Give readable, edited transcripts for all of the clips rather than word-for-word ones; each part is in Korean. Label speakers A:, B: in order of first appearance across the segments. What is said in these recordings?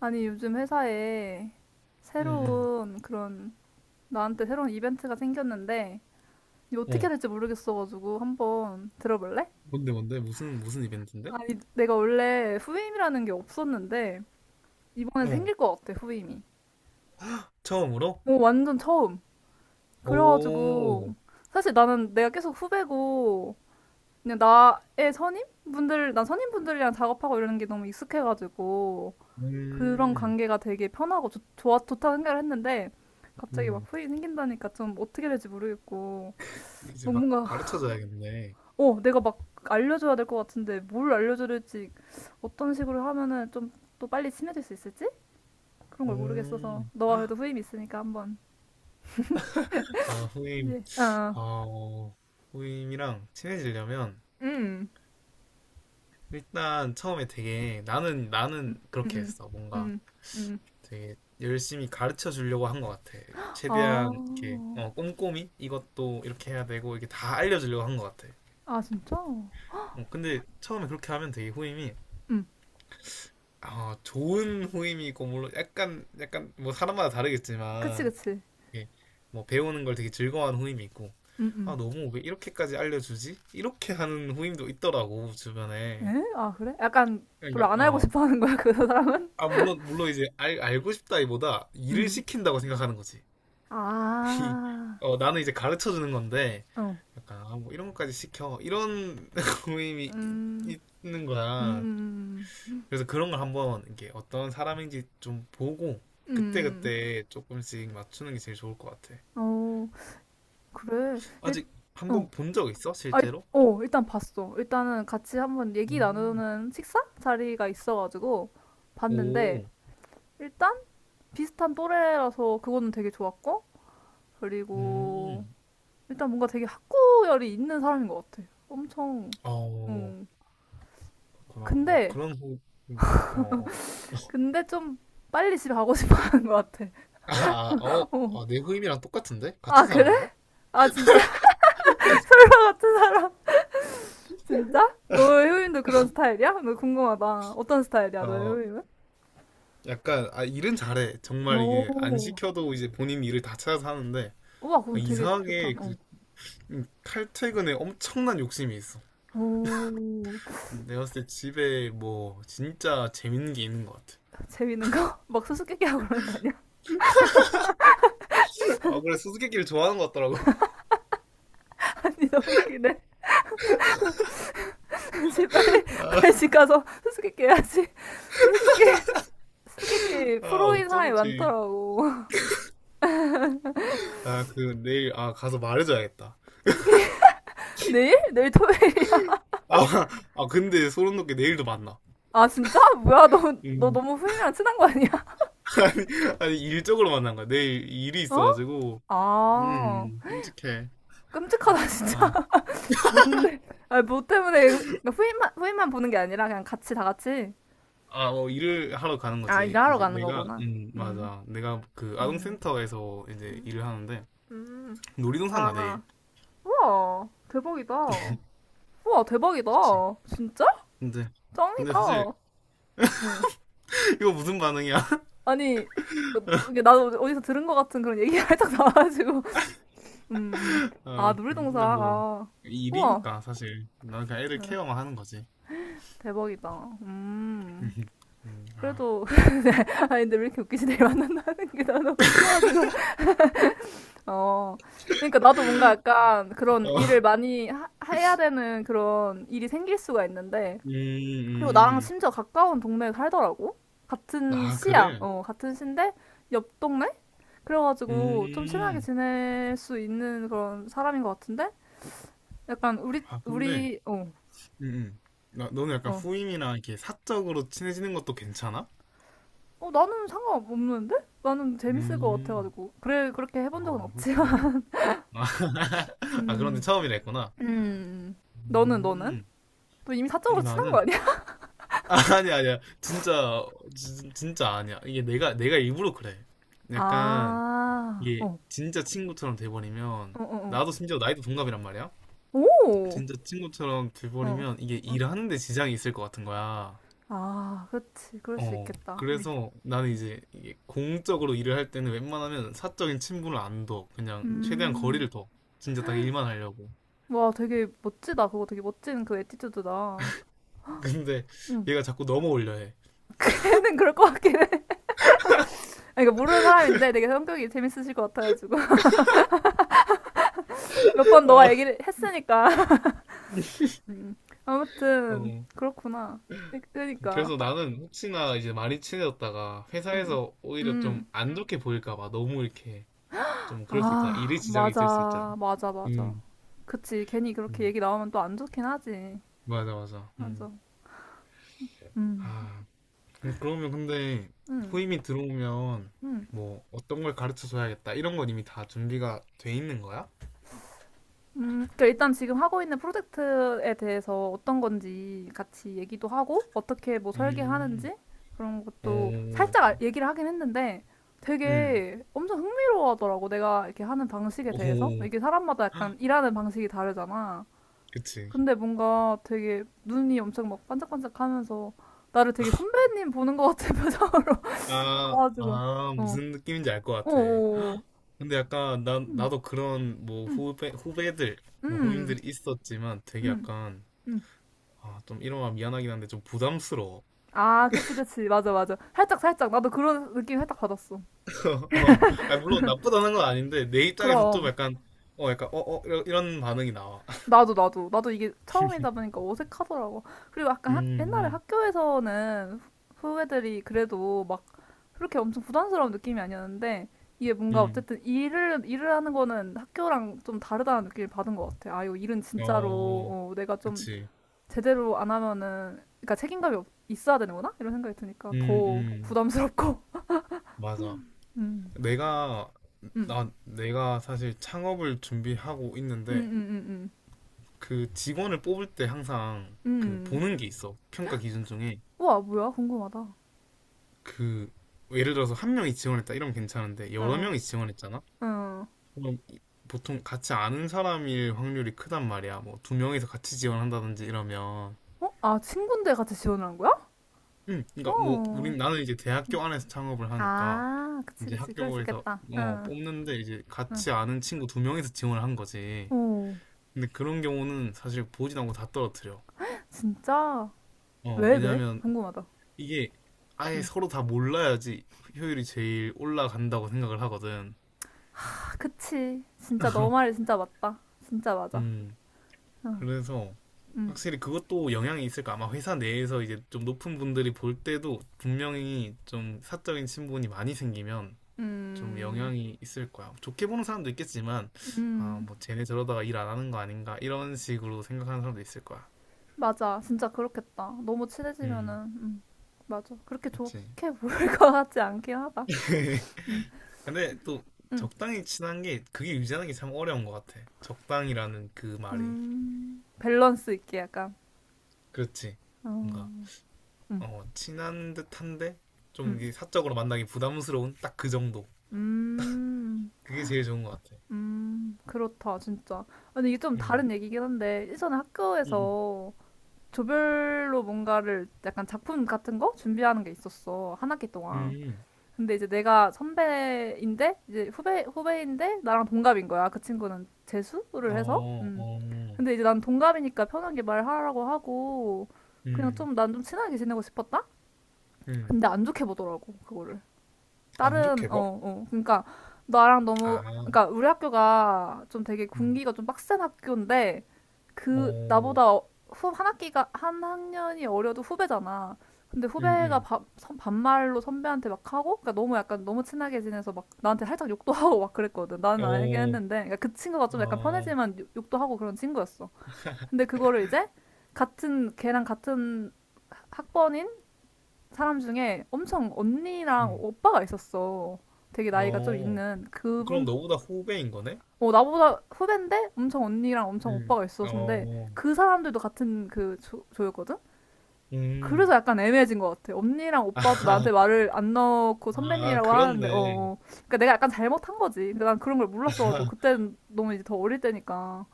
A: 아니, 요즘 회사에
B: 응, 응.
A: 새로운 그런, 나한테 새로운 이벤트가 생겼는데, 이거 어떻게
B: 어.
A: 해야 될지 모르겠어가지고 한번 들어볼래?
B: 뭔데, 뭔데? 무슨 이벤트인데?
A: 아니, 내가 원래 후임이라는 게 없었는데, 이번에
B: 어.
A: 생길 것 같아, 후임이.
B: 헉, 처음으로?
A: 오, 완전 처음.
B: 오.
A: 그래가지고, 사실 나는 내가 계속 후배고, 그냥 나의 선임분들, 난 선임분들이랑 작업하고 이러는 게 너무 익숙해가지고, 그런
B: 음.
A: 관계가 되게 편하고 좋다고 생각을 했는데, 갑자기 막
B: 음.
A: 후이 생긴다니까 좀 어떻게 될지 모르겠고,
B: 이제
A: 막
B: 막
A: 뭔가
B: 가르쳐줘야겠네.
A: 어, 내가 막 알려줘야 될 것 같은데, 뭘 알려줘야 될지, 어떤 식으로 하면은 좀 또 빨리 친해질 수 있을지, 그런 걸 모르겠어서
B: 음.
A: 너가 그래도 후임 있으니까 한번.
B: 아, 후임.
A: 이제 어,
B: 어, 후임이랑 친해지려면
A: 응.
B: 일단 처음에 되게 나는 그렇게
A: 음,
B: 했어.
A: 음,
B: 뭔가
A: 음, 음,
B: 되게 열심히 가르쳐 주려고 한 것 같아. 최대한 이렇게
A: 아,
B: 어, 꼼꼼히 이것도 이렇게 해야 되고 이렇게 다 알려주려고 한 것 같아.
A: 아 진짜?
B: 어, 근데 처음에 그렇게 하면 되게 후임이
A: 음,
B: 아, 좋은 후임이고, 물론 약간, 뭐 사람마다
A: 그치
B: 다르겠지만,
A: 그치.
B: 이게 뭐 배우는 걸 되게 즐거워하는 후임이 있고, 아,
A: 음,
B: 너무 왜 이렇게까지 알려주지? 이렇게 하는 후임도 있더라고, 주변에.
A: 에? 아 그래? 약간
B: 그러니까,
A: 별로 안 알고
B: 어.
A: 싶어 하는 거야 그 사람은?
B: 아, 물론 이제 알고 싶다기보다 일을
A: 음.
B: 시킨다고 생각하는 거지. 이,
A: 아,
B: 어, 나는 이제 가르쳐 주는 건데,
A: 어,
B: 약간, 아, 뭐 이런 것까지 시켜. 이런 후임이
A: 음,
B: 있는 거야.
A: 음,
B: 그래서 그런 걸 한번 이게 어떤 사람인지 좀 보고
A: 음.
B: 그때그때 조금씩 맞추는 게 제일 좋을 것 같아.
A: 어, 그래. 일,
B: 아직 한
A: 어,
B: 번 본 적 있어?
A: 아, 일-
B: 실제로?
A: 어, 일단 봤어. 일단은 같이 한번 얘기
B: 음.
A: 나누는 식사 자리가 있어가지고 봤는데,
B: 오,
A: 일단 비슷한 또래라서 그거는 되게 좋았고, 그리고
B: 음,
A: 일단 뭔가 되게 학구열이 있는 사람인 것 같아. 엄청,
B: 어,
A: 음.
B: 그렇구나. 어,
A: 근데,
B: 그런 호흡, 약간, 어, 어.
A: 근데 좀 빨리 집에 가고 싶어 하는 것 같아.
B: 아, 아, 어,
A: 어.
B: 아, 내 후임이랑 똑같은데?
A: 아,
B: 같은
A: 그래?
B: 사람인가?
A: 아, 진짜? 그런 같은 사람. 진짜? 너의 효인도 그런 스타일이야? 너 궁금하다. 어떤 스타일이야, 너의
B: 어,
A: 효인은?
B: 약간, 아, 일은 잘해. 정말 이게 안
A: 오.
B: 시켜도 이제 본인 일을 다 찾아서 하는데,
A: 우와,
B: 아,
A: 그건 되게 좋다.
B: 이상하게 그
A: 어.
B: 칼퇴근에 엄청난 욕심이 있어.
A: 오.
B: 내가 봤을 때 집에 뭐 진짜 재밌는 게 있는 것 같아.
A: 재밌는 거? 막 수수께끼 하고 그러는 거 아니야?
B: 아, 그래, 수수께끼를 좋아하는 것 같더라고.
A: 아니, 너무 웃기네. 다시 빨리,
B: 아,
A: 빨리 집 가서 수수께끼 해야지. 수수께끼, 수수께끼
B: 아,
A: 프로인 사람이
B: 어쩐지.
A: 많더라고.
B: 아, 그 내일 아, 가서 말해줘야겠다.
A: 수수께끼, 내일? 내일 토요일이야.
B: 아, 아, 근데 소름 돋게 내일도 만나.
A: 아, 진짜? 뭐야, 너, 너
B: 음.
A: 너무 후임이랑 친한 거 아니야?
B: 아니, 일적으로 만난 거야. 내일 일이
A: 어?
B: 있어가지고.
A: 아,
B: 음, 끔찍해.
A: 끔찍하다,
B: 아,
A: 진짜. 뭔데? 아니, 뭐 때문에 그러니까 후임만 보는 게 아니라 그냥 같이 다 같이,
B: 아, 어, 일을 하러 가는
A: 아
B: 거지.
A: 일하러
B: 이제
A: 가는
B: 내가,
A: 거구나. 음,
B: 맞아. 내가 그
A: 음.
B: 아동센터에서 이제
A: 음.
B: 일을 하는데,
A: 음.
B: 놀이동산 가, 내일.
A: 아, 우와, 대박이다. 우와 대박이다.
B: 그치.
A: 진짜?
B: 근데, 근데
A: 짱이다.
B: 사실,
A: 응.
B: 이거 무슨 반응이야?
A: 아니 어, 너- 이게 나도 어디서 들은 것 같은 그런 얘기가 살짝 나와가지고. 음, 음. 아
B: 아, 그래.
A: 놀이동산.
B: 근데 뭐,
A: 아 우와.
B: 일이니까, 사실. 난 그냥 애들
A: 응.
B: 케어만 하는 거지.
A: 대박이다. 음.
B: 아.
A: 그래도 아 근데 왜 이렇게 웃기지? 내일 만난다는 게 나 너무 웃겨가지고. 어, 그러니까 나도 뭔가 약간 그런
B: 어,
A: 일을 많이 해야 되는 그런 일이 생길 수가 있는데,
B: 음,
A: 그리고 나랑
B: 음.
A: 심지어 가까운 동네에 살더라고? 같은
B: 아,
A: 시야,
B: 그래?
A: 어, 같은 시인데, 옆 동네? 그래가지고 좀 친하게
B: 음.
A: 지낼 수 있는 그런 사람인 것 같은데? 약간
B: 아, 근데,
A: 우리, 어,
B: 음, 음. 나, 너는 약간
A: 어.
B: 후임이랑 이렇게 사적으로 친해지는 것도 괜찮아?
A: 어, 나는 상관없는데? 나는 재밌을 것
B: 음.
A: 같아가지고. 그래, 그렇게 해본 적은
B: 아,
A: 없지만.
B: 그렇구나. 아, 아, 그런데
A: 음,
B: 처음이라 했구나.
A: 음. 너는, 너는?
B: 음.
A: 또 이미
B: 아니,
A: 사적으로 친한 거
B: 나는.
A: 아니야?
B: 아, 아니, 아니야. 진짜, 진짜 아니야. 이게 내가 일부러 그래. 약간,
A: 아,
B: 이게
A: 어,
B: 진짜 친구처럼 돼버리면
A: 어, 어, 어.
B: 나도 심지어 나이도 동갑이란 말이야.
A: 오,
B: 진짜 친구처럼
A: 어,
B: 돼버리면 이게
A: 어.
B: 일하는데 지장이 있을 것 같은 거야.
A: 아, 그렇지, 그럴 수
B: 어,
A: 있겠다.
B: 그래서 나는 이제 이게 공적으로 일을 할 때는 웬만하면 사적인 친분을 안 둬. 그냥 최대한
A: 음,
B: 거리를 둬. 진짜 딱 일만 하려고.
A: 와, 되게 멋지다. 그거 되게 멋진 그 에티튜드다.
B: 근데
A: 음,
B: 얘가 자꾸 넘어올려 해.
A: 걔는 그럴 것 같긴 해. 아니, 그러니까 모르는 사람인데 되게 성격이 재밌으실 것 같아가지고 몇 번 너가 얘기를 했으니까. 음, 아무튼
B: 어.
A: 그렇구나. 그- 그러니까,
B: 그래서
A: 하-
B: 나는 혹시나 이제 많이 친해졌다가
A: 음,
B: 회사에서 오히려 좀
A: 음,
B: 안 좋게 보일까 봐 너무 이렇게 좀 그럴 수 있잖아. 일에
A: 아,
B: 지장이 있을 수 있잖아.
A: 맞아, 맞아, 맞아.
B: 음.
A: 그치, 괜히 그렇게
B: 음.
A: 얘기 나오면 또 안 좋긴 하지.
B: 맞아, 맞아. 음.
A: 맞아. 음.
B: 아, 그러면 근데
A: 음,
B: 후임이 들어오면
A: 음,
B: 뭐 어떤 걸 가르쳐 줘야겠다 이런 건 이미 다 준비가 돼 있는 거야?
A: 그러니까 일단 지금 하고 있는 프로젝트에 대해서 어떤 건지 같이 얘기도 하고, 어떻게 뭐
B: 음,
A: 설계하는지 그런 것도
B: 오,
A: 살짝 얘기를 하긴 했는데
B: 음,
A: 되게 엄청 흥미로워 하더라고. 내가 이렇게 하는 방식에
B: 오,
A: 대해서. 이게 사람마다 약간 일하는 방식이 다르잖아.
B: 그치.
A: 근데 뭔가 되게 눈이 엄청 막 반짝반짝 하면서 나를 되게 선배님 보는 것 같은 표정으로
B: 아,
A: 봐가지고.
B: 아,
A: 어,
B: 무슨 느낌인지 알 것
A: 어,
B: 같아.
A: 어, 어.
B: 근데 약간 나,
A: 음,
B: 나도 그런 뭐
A: 음,
B: 후배, 후배들, 뭐
A: 음,
B: 후임들이 있었지만 되게
A: 음.
B: 약간
A: 음.
B: 아, 좀 이러면 미안하긴 한데 좀 부담스러워.
A: 아, 그치, 그치. 맞아, 맞아. 살짝, 살짝. 나도 그런 느낌 살짝 받았어.
B: 어, 아, 물론 나쁘다는 건 아닌데, 내 입장에서 좀
A: 그럼.
B: 약간, 어, 약간, 어, 어, 이런, 반응이 나와.
A: 나도, 나도. 나도 이게 처음이다 보니까 어색하더라고. 그리고 약간 학, 옛날에
B: 음,
A: 학교에서는 후배들이 그래도 막 그렇게 엄청 부담스러운 느낌이 아니었는데, 이게 뭔가
B: 음,
A: 어쨌든 일을 하는 거는 학교랑 좀 다르다는 느낌을 받은 것 같아. 아, 이거 일은 진짜로,
B: 어,
A: 어, 내가 좀
B: 그치.
A: 제대로 안 하면은, 그러니까 책임감이 있어야 되는구나? 이런 생각이 드니까
B: 음,
A: 더
B: 음,
A: 부담스럽고.
B: 맞아.
A: 음,
B: 내가,
A: 음,
B: 나, 내가 사실 창업을 준비하고
A: 음,
B: 있는데,
A: 음, 음,
B: 그 직원을 뽑을 때 항상
A: 음.
B: 그
A: 음.
B: 보는 게 있어. 평가 기준 중에.
A: 우와, 뭐야? 궁금하다.
B: 그, 예를 들어서 한 명이 지원했다. 이러면 괜찮은데, 여러
A: 응,
B: 명이 지원했잖아?
A: 응.
B: 그럼 보통 같이 아는 사람일 확률이 크단 말이야. 뭐 두 명이서 같이 지원한다든지 이러면,
A: 어? 아, 친구인데 같이 지원을 한 거야?
B: 그러니까 뭐
A: 어.
B: 우린 나는 이제 대학교 안에서 창업을 하니까
A: 아, 그치,
B: 이제
A: 그치. 그럴 수
B: 학교에서
A: 있겠다.
B: 어,
A: 응.
B: 뽑는데 이제
A: 응.
B: 같이 아는 친구 두 명이서 지원을 한 거지.
A: 오,
B: 근데 그런 경우는 사실 보지도 않고 다 떨어뜨려.
A: 진짜?
B: 어,
A: 왜, 왜?
B: 왜냐하면
A: 궁금하다.
B: 이게 아예
A: 응.
B: 서로 다 몰라야지 효율이 제일 올라간다고 생각을 하거든.
A: 아, 그치. 진짜 너 말이 진짜 맞다. 진짜 맞아.
B: 음,
A: 응.
B: 그래서
A: 응.
B: 확실히 그것도 영향이 있을까? 아마 회사 내에서 이제 좀 높은 분들이 볼 때도 분명히 좀 사적인 친분이 많이 생기면 좀
A: 음,
B: 영향이 있을 거야. 좋게 보는 사람도 있겠지만, 아,
A: 음,
B: 뭐 쟤네 저러다가 일 안 하는 거 아닌가? 이런 식으로 생각하는 사람도 있을 거야.
A: 맞아. 진짜 그렇겠다. 너무 친해지면은,
B: 음,
A: 음, 맞아. 그렇게
B: 그치.
A: 좋게 보일 것 같지 않긴 하다. 음,
B: 근데 또
A: 음,
B: 적당히 친한 게 그게 유지하는 게 참 어려운 것 같아. 적당이라는 그 말이.
A: 밸런스 있게 약간.
B: 그렇지. 뭔가,
A: 어, 음.
B: 어, 친한 듯한데 좀
A: 음.
B: 이제 사적으로 만나기 부담스러운 딱 그 정도.
A: 음.
B: 그게 제일 좋은 것 같아.
A: 음. 그렇다, 진짜. 근데 이게 좀
B: 음.
A: 다른 얘기긴 한데, 예전에
B: 음.
A: 학교에서 조별로 뭔가를 약간 작품 같은 거 준비하는 게 있었어. 한 학기 동안.
B: 음.
A: 근데 이제 내가 선배인데, 이제 후배인데, 나랑 동갑인 거야. 그 친구는
B: 음.
A: 재수를 해서.
B: 어,
A: 음.
B: 어.
A: 근데 이제 난 동갑이니까 편하게 말하라고 하고, 그냥
B: 음.
A: 좀, 난 좀 친하게 지내고 싶었다?
B: 음.
A: 근데 안 좋게 보더라고, 그거를.
B: 안
A: 다른
B: 좋게 봐?
A: 어, 어. 그러니까 나랑 너무
B: 아.
A: 그러니까 우리 학교가 좀 되게
B: 음.
A: 군기가 좀 빡센 학교인데, 그
B: 어.
A: 나보다 어- 후, 한 학기가 한 학년이 어려도 후배잖아. 근데
B: 음.
A: 후배가
B: 음.
A: 반말로 선배한테 막 하고 그러니까 너무 약간 너무 친하게 지내서 막 나한테 살짝 욕도 하고 막 그랬거든. 나는 알긴
B: 어.
A: 했는데 그러니까 그 친구가 좀 약간
B: 아.
A: 편해지만 욕도 하고 그런 친구였어. 근데 그거를 이제 같은 걔랑 같은 학번인 사람 중에 엄청 언니랑
B: 음.
A: 오빠가 있었어. 되게 나이가 좀
B: 어.
A: 있는
B: 그럼
A: 그분,
B: 너보다 후배인 거네?
A: 어, 나보다 후배인데 엄청 언니랑 엄청
B: 음.
A: 오빠가 있었는데,
B: 어.
A: 그 사람들도 같은 그 조였거든?
B: 음.
A: 그래서 약간 애매해진 것 같아. 언니랑 오빠도
B: 아.
A: 나한테 말을 안 넣고
B: 아,
A: 선배님이라고 하는데, 어,
B: 그렇네.
A: 어. 그러니까 내가 약간 잘못한 거지. 근데 난 그런 걸 몰랐어가지고 그때는 너무 이제 더 어릴 때니까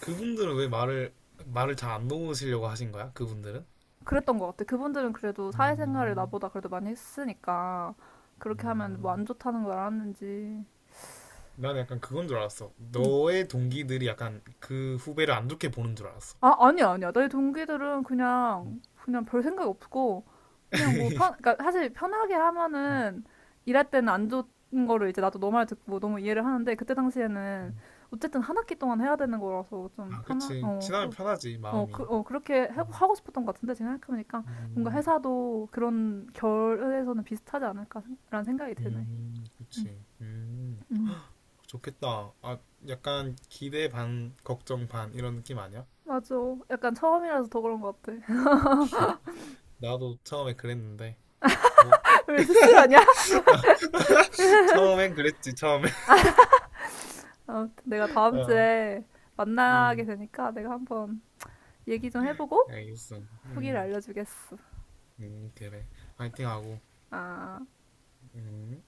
B: 그분들은 왜 말을 말을 잘 안 놓으시려고 하신 거야? 그분들은?
A: 그랬던 것 같아. 그분들은 그래도 사회생활을
B: 음.
A: 나보다 그래도 많이 했으니까 그렇게 하면
B: 아.
A: 뭐 안 좋다는 걸 알았는지.
B: 난 약간 그건 줄 알았어.
A: 음.
B: 너의 동기들이 약간 그 후배를 안 좋게 보는 줄 알았어.
A: 아, 아니야, 아니야. 내 동기들은
B: 음,
A: 그냥 별 생각 없고, 그냥 뭐 편, 그러니까 사실 편하게
B: 음,
A: 하면은 일할 때는 안 좋은 거를 이제 나도 너말 듣고 너무 이해를 하는데, 그때 당시에는
B: 음.
A: 어쨌든 한 학기 동안 해야 되는 거라서 좀
B: 아,
A: 편하,
B: 그치.
A: 어,
B: 친하면
A: 좀,
B: 편하지,
A: 어, 그,
B: 마음이.
A: 어, 그렇게 하고
B: 음,
A: 하고 싶었던 것 같은데, 지금 생각해보니까 뭔가
B: 음,
A: 회사도 그런 결에서는 비슷하지 않을까라는 생각이 드네.
B: 그치.
A: 음.
B: 좋겠다. 아, 약간 기대 반, 걱정 반, 이런 느낌 아니야?
A: 맞아. 약간 처음이라서 더 그런 것 같아.
B: 나도 처음에 그랬는데. 뭐,
A: 왜 스스로 하냐?
B: 처음엔 그랬지, 처음엔.
A: 아무튼 내가 다음
B: 어,
A: 주에 만나게
B: 음,
A: 되니까 내가 한번 얘기 좀 해보고
B: 알겠어.
A: 후기를 알려주겠어.
B: 그래. 파이팅하고.
A: 아.
B: 음.